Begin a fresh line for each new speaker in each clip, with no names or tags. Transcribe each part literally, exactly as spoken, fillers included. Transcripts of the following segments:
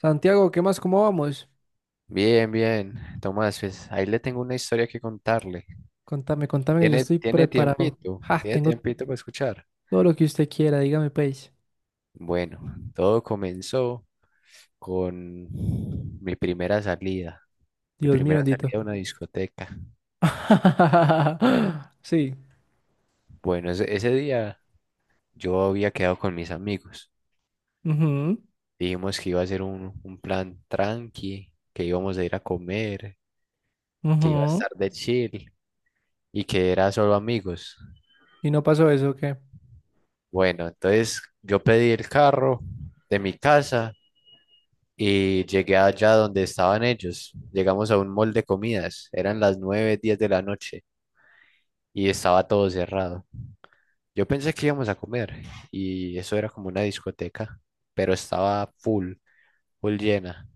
Santiago, ¿qué más? ¿Cómo vamos?
Bien, bien, Tomás, pues ahí le tengo una historia que contarle.
Contame, contame que yo
¿Tiene,
estoy
tiene
preparado.
tiempito?
Ja,
¿Tiene
tengo
tiempito para escuchar?
todo lo que usted quiera, dígame, pues.
Bueno, todo comenzó con mi primera salida, mi
Dios mío,
primera
bendito.
salida a una discoteca.
Sí.
Bueno, ese, ese día yo había quedado con mis amigos.
ujú,
Dijimos que iba a ser un, un plan tranqui, que íbamos a ir a comer, que iba a
ujú.
estar de chill y que era solo amigos.
Y no pasó eso, ¿o qué?
Bueno, entonces yo pedí el carro de mi casa y llegué allá donde estaban ellos. Llegamos a un mall de comidas, eran las nueve y diez de la noche y estaba todo cerrado. Yo pensé que íbamos a comer y eso era como una discoteca, pero estaba full, full llena.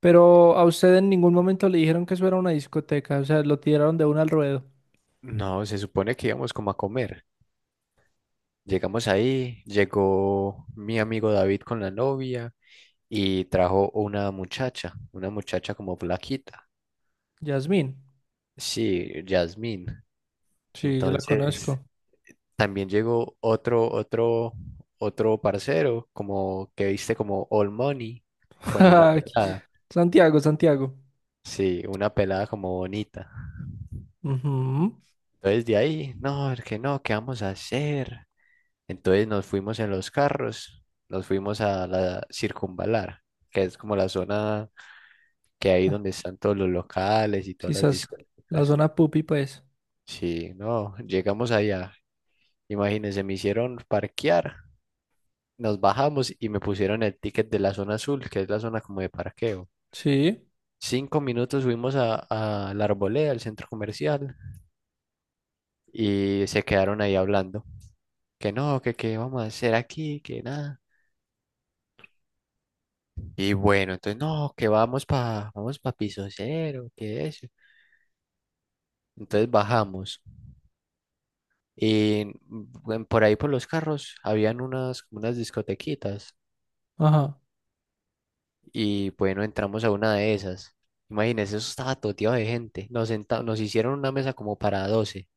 Pero a usted en ningún momento le dijeron que eso era una discoteca, o sea, lo tiraron de una al ruedo.
No, se supone que íbamos como a comer. Llegamos ahí, llegó mi amigo David con la novia y trajo una muchacha, una muchacha como flaquita.
Yasmín.
Sí, Yasmín.
Sí, yo la
Entonces,
conozco.
también llegó otro, otro, otro parcero, como que viste como All Money, con una pelada.
Santiago, Santiago.
Sí, una pelada como bonita.
Ujú.
Entonces de ahí, no, es que no, ¿qué vamos a hacer? Entonces nos fuimos en los carros, nos fuimos a la Circunvalar, que es como la zona que hay
Ah,
donde están todos los locales y todas las
quizás la
discotecas.
zona pupi, pues.
Sí, no, llegamos allá. Imagínense, me hicieron parquear. Nos bajamos y me pusieron el ticket de la zona azul, que es la zona como de parqueo.
Sí.
Cinco minutos subimos a, a la Arboleda, al centro comercial, y se quedaron ahí hablando. Que no, que qué vamos a hacer aquí, que nada. Y bueno, entonces no, que vamos para vamos pa piso cero, que eso. Entonces bajamos. Y mm, por ahí por los carros habían unas, como unas discotequitas.
Ajá.
Y bueno, entramos a una de esas. Imagínense, eso estaba toteado de gente. Nos senta- nos hicieron una mesa como para doce.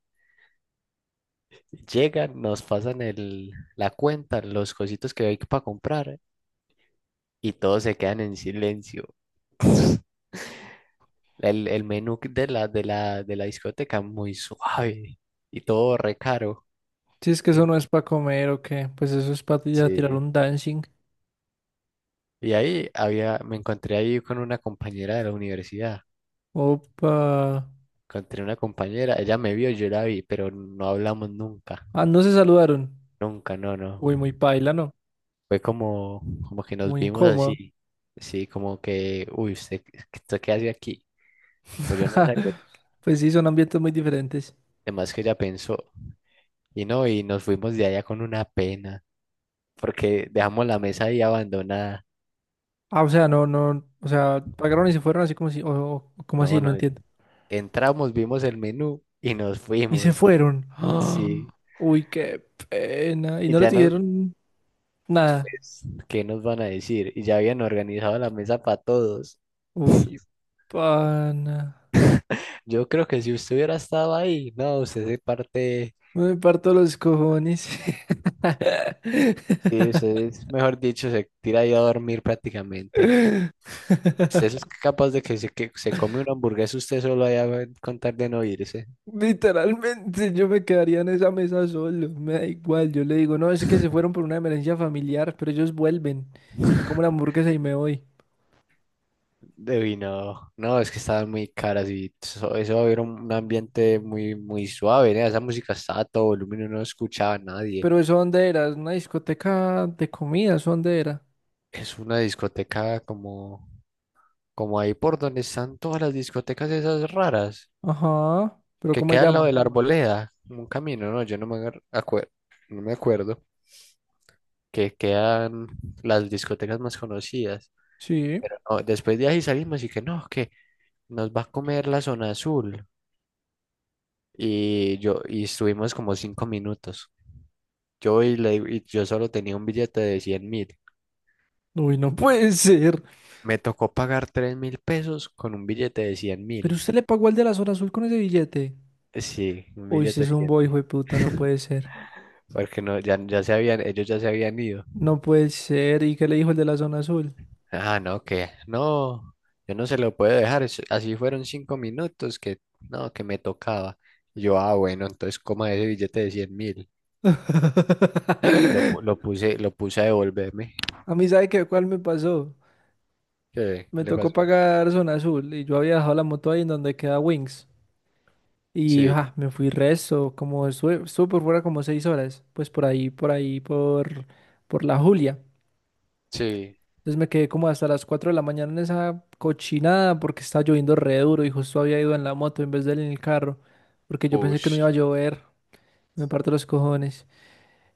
Llegan, nos pasan el, la cuenta, los cositos que hay para comprar y todos se quedan en silencio. El, el menú de la, de la, de la discoteca muy suave y todo re caro.
Si es que eso
Eh,
no es para comer o qué, pues eso es para ya tirar
Sí.
un dancing.
Y ahí había, me encontré ahí con una compañera de la universidad.
Opa.
Encontré una compañera, ella me vio, yo la vi, pero no hablamos nunca.
Ah, no se saludaron.
Nunca, no, no.
Uy, muy paila, ¿no?
Fue como, como que nos
Muy
vimos
incómodo.
así, sí, como que, uy, usted, ¿usted qué hace aquí? Bueno, yo no sé, algo
Pues sí, son ambientes muy diferentes.
de que ella pensó. Y no, y nos fuimos de allá con una pena, porque dejamos la mesa ahí abandonada.
Ah, o sea, no, no, o sea, pagaron y se fueron así como si, o, o- como así,
No,
no
no,
entiendo.
entramos, vimos el menú y nos
Y se
fuimos,
fueron. Ah,
sí.
uy, qué pena. Y
Y
no les
ya nos,
dijeron nada.
pues, ¿qué nos van a decir? Y ya habían organizado la mesa para todos.
Uy, pana.
Yo creo que si usted hubiera estado ahí, no, usted se parte.
Me parto los cojones.
Sí, usted, es- mejor dicho, se tira ahí a dormir prácticamente. Usted es capaz de que se, que se come una hamburguesa usted solo allá eh, con tal de no irse.
Literalmente yo me quedaría en esa mesa solo, me da igual, yo le digo, no, es que se fueron por una emergencia familiar, pero ellos vuelven, me como la hamburguesa y me voy.
De vino. No, no, es que estaban muy caras y eso, eso era un un ambiente muy, muy suave, ¿eh? Esa música estaba a todo volumen, uno no escuchaba a nadie.
Pero eso dónde era, es una discoteca de comida, ¿eso dónde era?
Es una discoteca como, como ahí por donde están todas las discotecas esas raras,
Ajá, pero
que
¿cómo se
queda al lado
llama?
de la Arboleda, como un camino, ¿no? Yo no me acuerdo, no me acuerdo. Que quedan las discotecas más conocidas.
Sí.
Pero no, después de ahí salimos y que no, que nos va a comer la zona azul. Y yo, y estuvimos como cinco minutos. Yo y, le digo- y yo solo tenía un billete de cien mil.
Uy, no puede ser.
Me tocó pagar tres mil pesos con un billete de cien
¿Pero
mil.
usted le pagó al de la zona azul con ese billete?
Sí, un
Uy, usted
billete
es
de
un
cien
boy,
mil.
hijo de puta, no puede ser.
Porque no, ya, ya se habían, ellos ya se habían ido.
No puede ser, ¿y qué le dijo el de la zona azul?
Ah, no, que no, yo no se lo puedo dejar. es- Así fueron cinco minutos que no, que me tocaba. Y yo, ah, bueno, entonces coma ese billete de cien mil. Lo, pu- lo puse, lo puse a devolverme.
A mí, ¿sabe qué? ¿Cuál me pasó?
¿Qué
Me
le
tocó
pasó?
pagar zona azul y yo había dejado la moto ahí en donde queda Wings. Y
Sí,
ja, me fui resto, como estuve, estuve por fuera como seis horas, pues por ahí, por ahí, por, por la Julia.
sí,
Entonces me quedé como hasta las cuatro de la mañana en esa cochinada porque estaba lloviendo re duro y justo había ido en la moto en vez de en el carro, porque yo pensé que no iba
ush,
a llover. Me parto los cojones.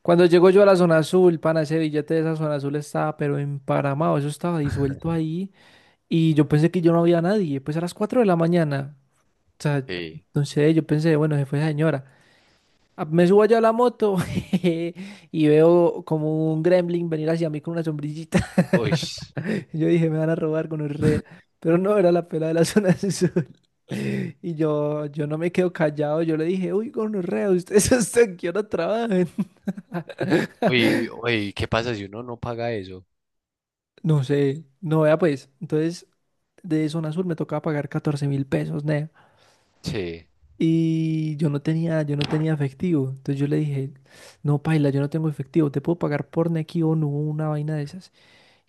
Cuando llego yo a la zona azul, pana, ese billete de esa zona azul estaba pero emparamado, eso estaba disuelto ahí. Y yo pensé que yo no había nadie, pues a las cuatro de la mañana. O sea,
sí,
no sé, yo pensé, bueno, se fue esa señora. Ah, me subo allá a la moto y veo como un gremlin venir hacia mí con una sombrillita.
uy,
Yo dije, me van a robar con un re. Pero no, era la pela de la zona sur. Y yo, yo no me quedo callado, yo le dije, uy, gonorrea, ustedes hasta qué hora trabajan.
uy, uy, ¿qué pasa si uno no paga eso?
No sé, no vea pues. Entonces, de zona sur me tocaba pagar catorce mil pesos.
Sí,
Y yo no tenía, yo no tenía efectivo. Entonces yo le dije, no, paila, yo no tengo efectivo, te puedo pagar por Nequi o no, una vaina de esas.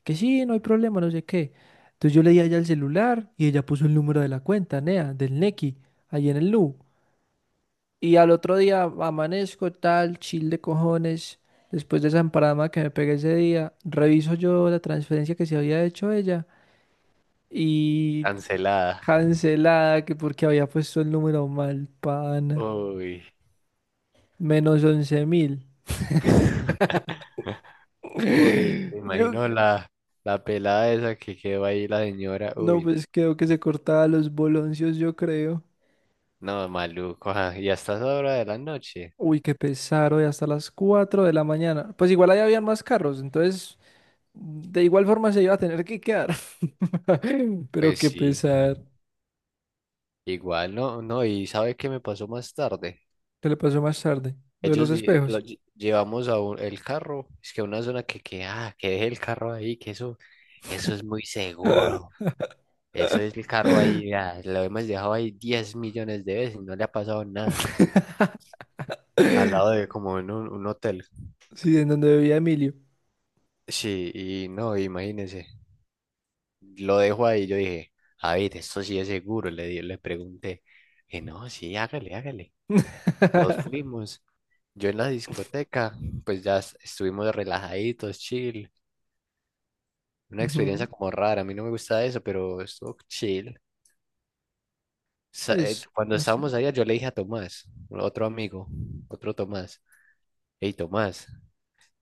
Que sí, no hay problema, no sé qué. Entonces yo le di a ella el celular y ella puso el número de la cuenta, nea, del Nequi, ahí en el Nu. Y al otro día amanezco tal, chill de cojones. Después de esa emparada que me pegué ese día, reviso yo la transferencia que se había hecho ella y
cancelada.
cancelada, que porque había puesto el número mal, pana.
Uy,
Menos once mil.
uy, me
Yo,
imagino la, la pelada esa que quedó ahí, la señora.
no,
Uy,
pues creo que se cortaba los boloncios, yo creo.
no, maluco, ajá, y hasta esa hora de la noche.
Uy, qué pesar, hoy hasta las cuatro de la mañana. Pues igual ahí habían más carros, entonces de igual forma se iba a tener que quedar. Pero
Pues
qué
sí,
pesar.
igual no, no, y ¿sabe qué me pasó más tarde?
¿Qué le pasó más tarde? Lo de los
Ellos di- lo
espejos.
lle- llevamos a un- el carro, es que a una zona que, que, ah, que deje el carro ahí, que eso, eso es muy seguro, eso es el carro ahí, ah, lo hemos dejado ahí diez millones de veces, no le ha pasado nada, al lado de como en un, un hotel,
Sí, en donde vivía Emilio.
sí, y no, imagínese, lo dejo ahí, yo dije, a ver, esto sí es seguro, le, di- le pregunté, que no, sí, hágale, hágale. Nos fuimos. Yo en la discoteca, pues ya es- estuvimos relajaditos, chill. Una experiencia
Ujú.
como rara, a mí no me gusta eso, pero estuvo chill. Sa- eh,
Pues,
Cuando
no sé.
estábamos allá, yo le dije a Tomás, otro amigo, otro Tomás, hey Tomás,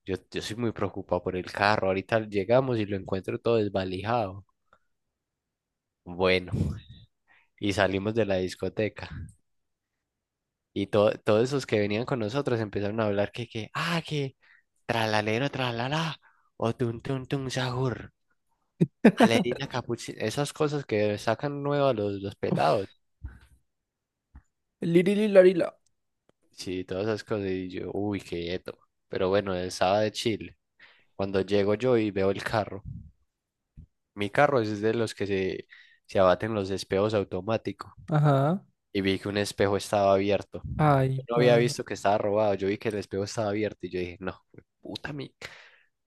yo, yo soy muy preocupado por el carro, ahorita llegamos y lo encuentro todo desvalijado. Bueno, y salimos de la discoteca y to- todos esos que venían con nosotros empezaron a hablar que, que, ah, que, tralalero, tralala, o tun tun tun sahur. Valerina capuchina, esas cosas que sacan nuevo a los, los pelados.
Lirililarila.
Sí, todas esas cosas. Y yo, uy, quieto. Pero bueno, estaba de Chile. Cuando llego yo y veo el carro. Mi carro es de los que se, se abaten los espejos automáticos.
Ajá.
Y vi que un espejo estaba abierto.
Ay,
Yo no había
pan.
visto que estaba robado. Yo vi que el espejo estaba abierto. Y yo dije, no, puta mi.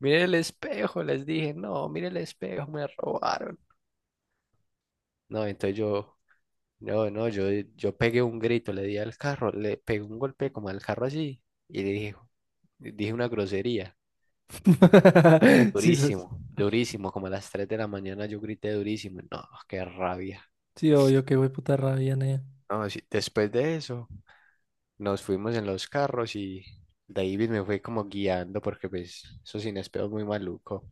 Mire el espejo, les dije, no, mire el espejo, me robaron. No, entonces yo, no, no, yo, yo pegué un grito, le di al carro, le pegué un golpe como al carro así y le dije, dije una grosería.
Sí.
Durísimo, durísimo, como a las tres de la mañana yo grité durísimo. No, qué rabia.
Sí, obvio que fue puta rabia, nea.
No, sí, después de eso nos fuimos en los carros y David me fue como guiando porque pues eso sin espejo es muy maluco.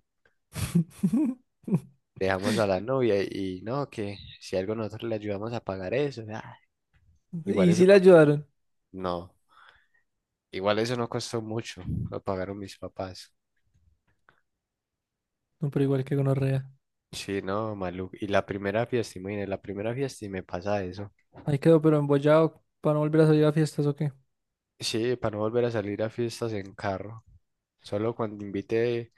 Dejamos a la novia y no, que si algo nosotros le ayudamos a pagar eso, ah, igual
Y
eso
sí le
no, co-
ayudaron.
no, igual eso no costó mucho, lo pagaron mis papás.
No, pero igual que gonorrea.
Sí, no, maluco. Y la primera fiesta, imagínate, la primera fiesta y me pasa eso.
Ahí quedó, pero embollado para no volver a salir a fiestas o qué.
Sí, para no volver a salir a fiestas en carro. Solo cuando invite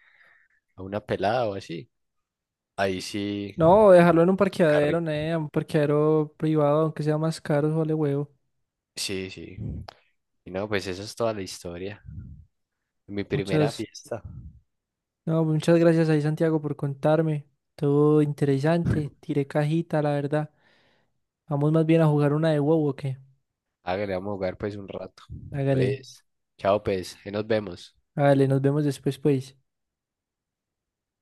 a una pelada o así. Ahí sí,
No, dejarlo en un
el
parqueadero,
carrito.
nea, un parqueadero privado, aunque sea más caro, vale huevo.
Sí, sí. Y no, pues esa es toda la historia. Mi primera
Muchas,
fiesta.
no, muchas gracias ahí, Santiago, por contarme. Todo interesante. Tiré cajita, la verdad. Vamos más bien a jugar una de huevo o qué.
Hágale, vamos a jugar pues un rato.
Hágale,
Entonces, chao pues, ahí nos vemos.
hágale, nos vemos después, pues.